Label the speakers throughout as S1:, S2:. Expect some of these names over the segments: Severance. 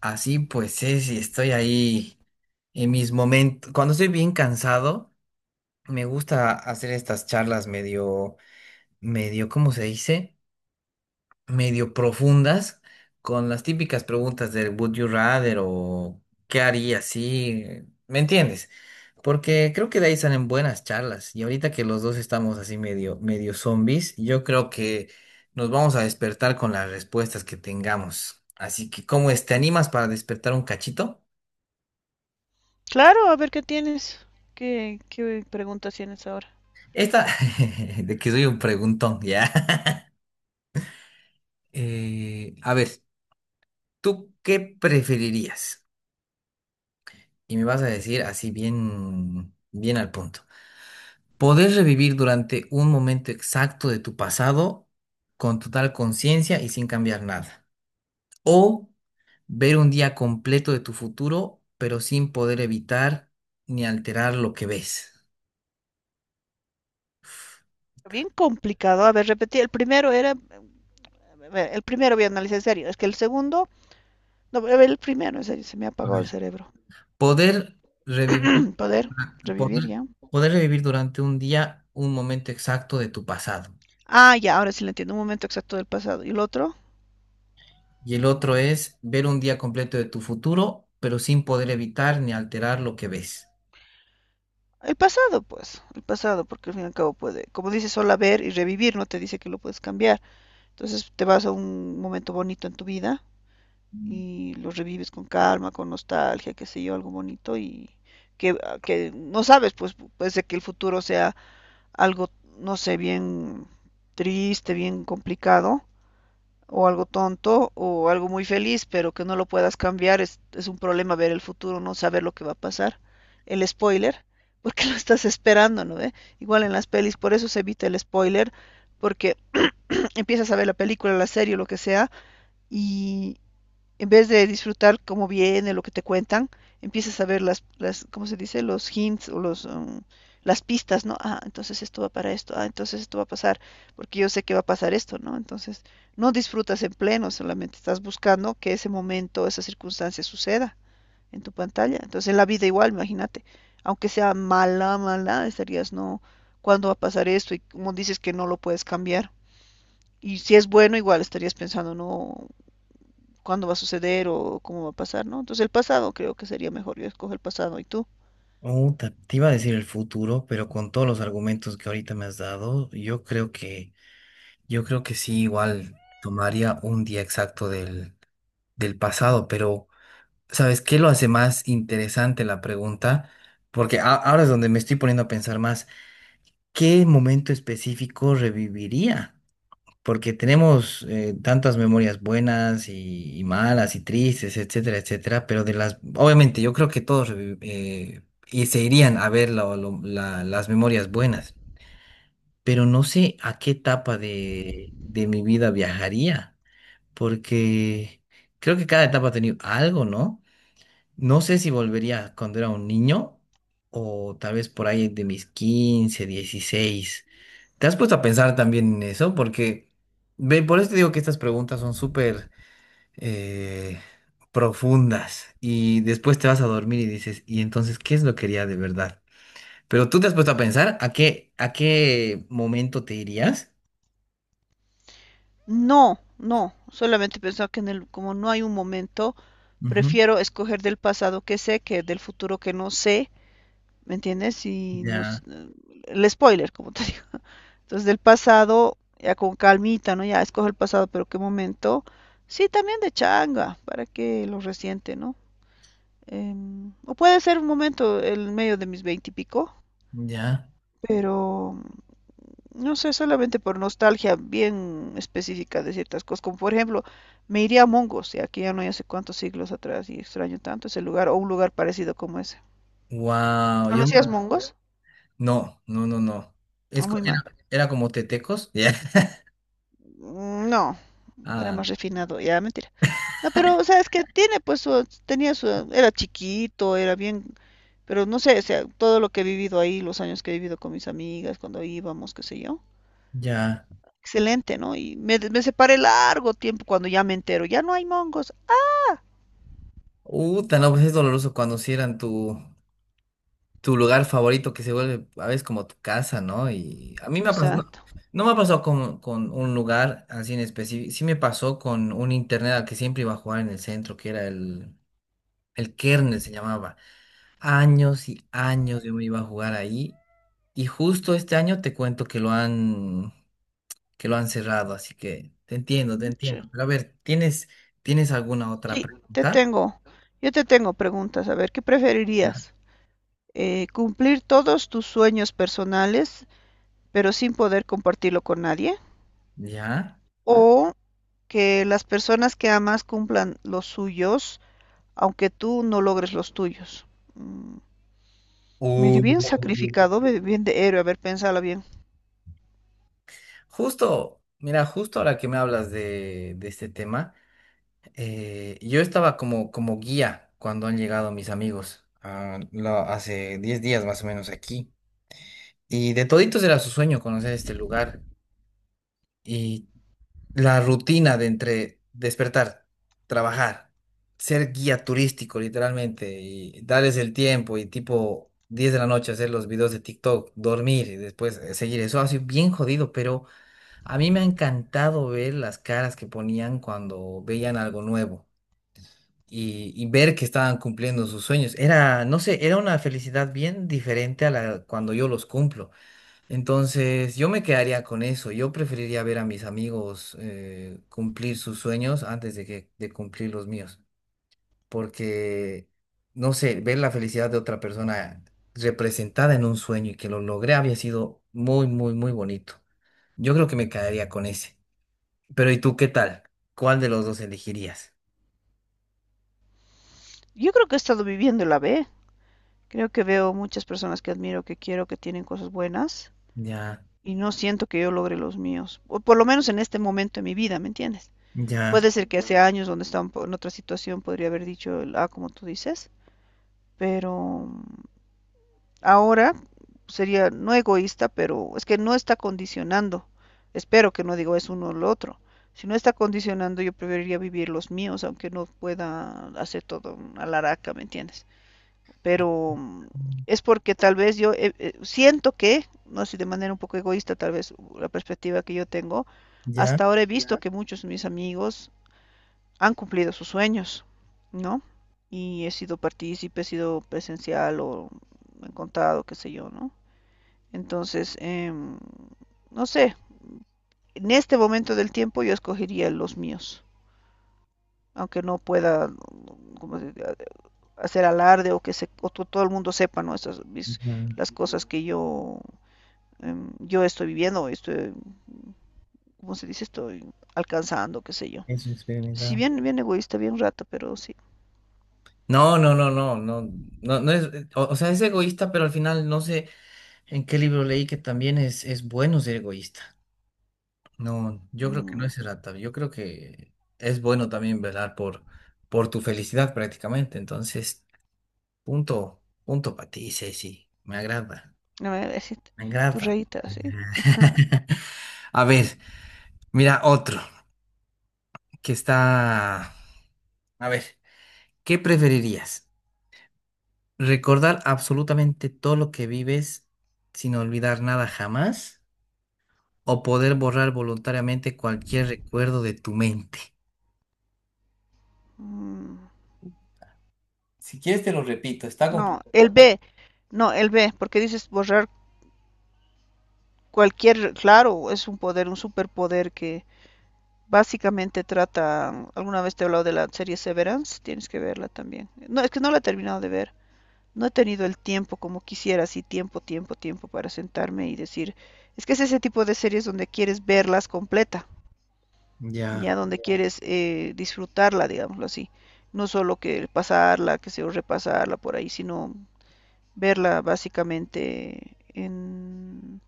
S1: Así pues es, y estoy ahí en mis momentos. Cuando estoy bien cansado, me gusta hacer estas charlas medio, ¿cómo se dice? Medio profundas, con las típicas preguntas del Would you rather o ¿qué haría si? ¿Me entiendes? Porque creo que de ahí salen buenas charlas. Y ahorita que los dos estamos así medio zombies, yo creo que nos vamos a despertar con las respuestas que tengamos. Así que, ¿cómo es? ¿Te animas para despertar un cachito?
S2: Claro, a ver qué tienes. ¿Qué preguntas tienes ahora?
S1: Esta, de que soy un preguntón, ya. A ver, ¿tú qué preferirías? Y me vas a decir así bien, bien al punto. ¿Poder revivir durante un momento exacto de tu pasado con total conciencia y sin cambiar nada? ¿O ver un día completo de tu futuro, pero sin poder evitar ni alterar lo que ves?
S2: Bien complicado. A ver, repetí. El primero era. El primero voy a analizar en serio. Es que el segundo. No, a ver, el primero, en serio, se me ha apagado el cerebro.
S1: Poder revivir,
S2: Poder
S1: poder,
S2: revivir ya.
S1: poder revivir durante un día un momento exacto de tu pasado.
S2: Ah, ya, ahora sí lo entiendo. Un momento exacto del pasado. ¿Y el otro?
S1: Y el otro es ver un día completo de tu futuro, pero sin poder evitar ni alterar lo que ves.
S2: El pasado, pues. El pasado, porque al fin y al cabo puede. Como dice, solo ver y revivir, no te dice que lo puedes cambiar. Entonces te vas a un momento bonito en tu vida y lo revives con calma, con nostalgia, qué sé yo, algo bonito y que, que no sabes, pues puede ser que el futuro sea algo, no sé, bien triste, bien complicado o algo tonto o algo muy feliz, pero que no lo puedas cambiar, es un problema ver el futuro, no saber lo que va a pasar. El spoiler, porque lo estás esperando, ¿no? ¿Eh? Igual en las pelis, por eso se evita el spoiler, porque empiezas a ver la película, la serie, lo que sea, y, en vez de disfrutar cómo viene, lo que te cuentan, empiezas a ver las ¿cómo se dice? Los hints o los, las pistas, ¿no? Ah, entonces esto va para esto, ah, entonces esto va a pasar, porque yo sé que va a pasar esto, ¿no? Entonces, no disfrutas en pleno, solamente estás buscando que ese momento, esa circunstancia suceda en tu pantalla. Entonces, en la vida igual, imagínate, aunque sea mala, mala, estarías, no, ¿cuándo va a pasar esto? Y como dices que no lo puedes cambiar. Y si es bueno, igual estarías pensando, no, cuándo va a suceder o cómo va a pasar, ¿no? Entonces el pasado creo que sería mejor, yo escojo el pasado y tú.
S1: Oh, te iba a decir el futuro, pero con todos los argumentos que ahorita me has dado, yo creo que sí, igual tomaría un día exacto del pasado, pero ¿sabes qué lo hace más interesante la pregunta? Porque ahora es donde me estoy poniendo a pensar más. ¿Qué momento específico reviviría? Porque tenemos tantas memorias buenas y malas y tristes, etcétera, etcétera, pero de las, obviamente yo creo que todos y se irían a ver las memorias buenas, pero no sé a qué etapa de mi vida viajaría, porque creo que cada etapa ha tenido algo, ¿no? No sé si volvería cuando era un niño o tal vez por ahí de mis 15, 16. ¿Te has puesto a pensar también en eso? Porque, ve, por eso te digo que estas preguntas son súper eh, profundas y después te vas a dormir y dices, ¿y entonces qué es lo que quería de verdad? Pero tú te has puesto a pensar a qué momento te irías.
S2: No, no, solamente pensaba que en el, como no hay un momento,
S1: Ujú.
S2: prefiero escoger del pasado que sé que del futuro que no sé, ¿me entiendes? Y nos,
S1: Ya,
S2: el spoiler, como te digo. Entonces del pasado, ya con calmita, ¿no? Ya escojo el pasado, pero qué momento. Sí, también de changa, para que lo resiente, ¿no? O puede ser un momento en medio de mis veintipico,
S1: ya.
S2: pero no sé, solamente por nostalgia bien específica de ciertas cosas, como por ejemplo, me iría a Mongos, y aquí ya no hay hace cuántos siglos atrás, y extraño tanto ese lugar, o un lugar parecido como ese.
S1: Wow, yo
S2: ¿Conocías Mongos?
S1: no, no, no, no. Es,
S2: Ah,
S1: co-
S2: muy mal.
S1: era, era como tetecos. Ya.
S2: Mm, no, era
S1: Ah,
S2: más refinado, ya, mentira. No, pero, o sea, es que tiene, pues, su- tenía su, era chiquito, era bien, pero no sé, o sea, todo lo que he vivido ahí, los años que he vivido con mis amigas, cuando íbamos, qué sé yo,
S1: ya.
S2: excelente, ¿no? Y me separé largo tiempo cuando ya me entero, ya no hay mongos.
S1: Uta, no, pues es doloroso cuando cierran tu lugar favorito que se vuelve a veces como tu casa, ¿no? Y a mí me ha pasado, no,
S2: Exacto.
S1: no me ha pasado con un lugar así en específico, sí me pasó con un internet al que siempre iba a jugar en el centro, que era el Kernel se llamaba. Años y años yo me iba a jugar ahí y justo este año te cuento que lo han cerrado, así que te entiendo, te entiendo.
S2: Mucho.
S1: Pero a ver, ¿Tienes alguna otra
S2: Sí, te
S1: pregunta?
S2: tengo. Yo te tengo preguntas. A ver, ¿qué preferirías? ¿Cumplir todos tus sueños personales, pero sin poder compartirlo con nadie?
S1: ¿Ya?
S2: ¿O que las personas que amas cumplan los suyos, aunque tú no logres los tuyos? Mm, medio
S1: Uh.
S2: bien sacrificado, medio bien de héroe, a ver, piénsala bien.
S1: Justo, mira, justo ahora que me hablas de este tema, yo estaba como guía cuando han llegado mis amigos, ah, hace 10 días más o menos aquí, y de toditos era su sueño conocer este lugar y la rutina de entre despertar, trabajar, ser guía turístico literalmente y darles el tiempo y tipo 10 de la noche hacer los videos de TikTok, dormir y después seguir, eso ha sido bien jodido, pero... A mí me ha encantado ver las caras que ponían cuando veían algo nuevo y ver que estaban cumpliendo sus sueños. Era, no sé, era una felicidad bien diferente a la cuando yo los cumplo. Entonces, yo me quedaría con eso. Yo preferiría ver a mis amigos cumplir sus sueños antes de que de cumplir los míos, porque no sé, ver la felicidad de otra persona representada en un sueño y que lo logré había sido muy, muy, muy bonito. Yo creo que me quedaría con ese. Pero ¿y tú qué tal? ¿Cuál de los dos elegirías?
S2: Yo creo que he estado viviendo la B. Creo que veo muchas personas que admiro, que quiero, que tienen cosas buenas.
S1: Ya,
S2: Y no siento que yo logre los míos, o por lo menos en este momento de mi vida, ¿me entiendes?
S1: ya,
S2: Puede ser que hace años donde estaba en otra situación podría haber dicho, ah, como tú dices, pero ahora sería no egoísta, pero es que no está condicionando. Espero que no digo es uno o lo otro. Si no está condicionando, yo preferiría vivir los míos, aunque no pueda hacer todo a la araca, ¿me entiendes? Pero es porque tal vez yo siento que, no sé, de manera un poco egoísta tal vez la perspectiva que yo tengo,
S1: ya,
S2: hasta ahora he visto que muchos de mis amigos han cumplido sus sueños, ¿no? Y he sido partícipe, he sido presencial o me han contado, qué sé yo, ¿no? Entonces, no sé, en este momento del tiempo yo escogería los míos, aunque no pueda, como se dice, hacer alarde o que se, o todo el mundo sepa, ¿no? Estas, mis-
S1: ya,
S2: las cosas que yo, yo estoy viviendo, estoy, ¿cómo se dice? Estoy alcanzando, qué sé yo.
S1: eso es
S2: Si
S1: experimentado.
S2: bien, bien egoísta, bien rata, pero sí.
S1: No, no, no, no, no, no, no es, o sea, es egoísta, pero al final no sé en qué libro leí que también es bueno ser egoísta. No, yo creo que
S2: Mm,
S1: no es errata, yo creo que es bueno también velar por tu felicidad prácticamente. Entonces, punto, punto para ti, Ceci, me agrada,
S2: no me voy a decir
S1: me
S2: tu
S1: agrada.
S2: reita, sí.
S1: A ver, mira otro. Que está... A ver, ¿qué preferirías? ¿Recordar absolutamente todo lo que vives sin olvidar nada jamás? ¿O poder borrar voluntariamente cualquier recuerdo de tu mente?
S2: Mm,
S1: Si quieres te lo repito, está
S2: no,
S1: complicado.
S2: el B, no, el B, porque dices borrar cualquier, claro, es un poder, un superpoder que básicamente trata, alguna vez te he hablado de la serie Severance, tienes que verla también. No, es que no la he terminado de ver. No he tenido el tiempo como quisiera, así tiempo, tiempo, tiempo para sentarme y decir, es que es ese tipo de series donde quieres verlas completa,
S1: Ya.
S2: ya donde quieres disfrutarla, digámoslo así. No solo que pasarla, que se repasarla por ahí, sino verla básicamente en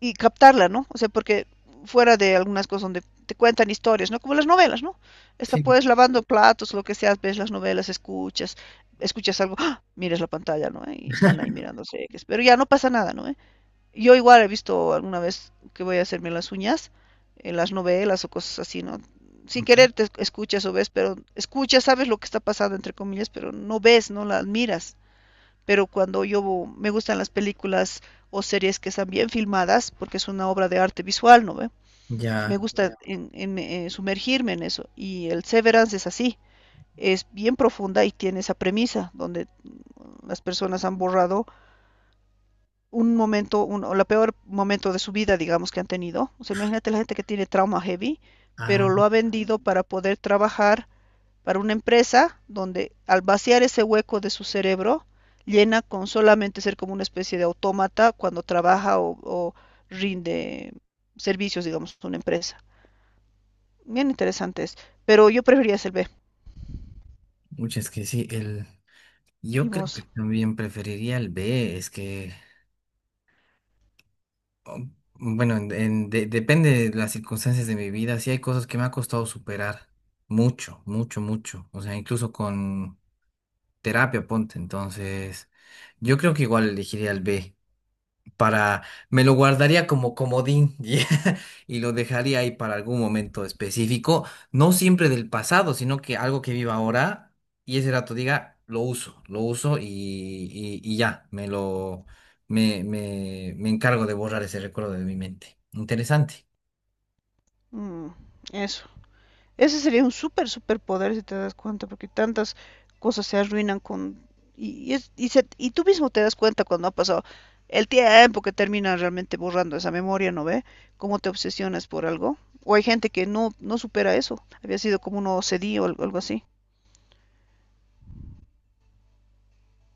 S2: y captarla, ¿no? O sea, porque fuera de algunas cosas donde te cuentan historias, ¿no? Como las novelas, ¿no? Esta
S1: Sí.
S2: puedes lavando platos, lo que sea, ves las novelas, escuchas, escuchas algo, ¡ah! Miras la pantalla, ¿no? ¿Eh? Y están ahí mirándose, pero ya no pasa nada, ¿no? ¿Eh? Yo igual he visto alguna vez que voy a hacerme las uñas, en las novelas o cosas así, ¿no? Sin
S1: Ujú.
S2: querer te escuchas o ves, pero escuchas, sabes lo que está pasando, entre comillas, pero no ves, no la miras, pero cuando yo me gustan las películas o series que están bien filmadas, porque es una obra de arte visual, ¿no ve? Me
S1: Ya.
S2: gusta sumergirme en eso. Y el Severance es así, es bien profunda y tiene esa premisa, donde las personas han borrado un momento, un, o la peor momento de su vida, digamos, que han tenido. O sea, imagínate la gente que tiene trauma heavy, pero
S1: Ah,
S2: lo ha vendido para poder trabajar para una empresa donde al vaciar ese hueco de su cerebro, llena con solamente ser como una especie de autómata cuando trabaja o rinde servicios, digamos, a una empresa. Bien interesante es, pero yo preferiría ser B.
S1: muchas que sí. El...
S2: ¿Y
S1: Yo creo
S2: vos?
S1: que también preferiría el B, es que... bueno, depende de las circunstancias de mi vida. Sí hay cosas que me ha costado superar mucho, mucho, mucho. O sea, incluso con terapia, ponte. Entonces, yo creo que igual elegiría el B para, me lo guardaría como comodín y lo dejaría ahí para algún momento específico, no siempre del pasado, sino que algo que viva ahora y ese rato diga, lo uso y ya, me lo, me encargo de borrar ese recuerdo de mi mente. Interesante.
S2: Mm, eso. Ese sería un súper superpoder si te das cuenta, porque tantas cosas se arruinan con... Y tú mismo te das cuenta cuando ha pasado el tiempo que termina realmente borrando esa memoria, ¿no ve? Cómo te obsesionas por algo. O hay gente que no, no supera eso. Había sido como un OCD o algo así.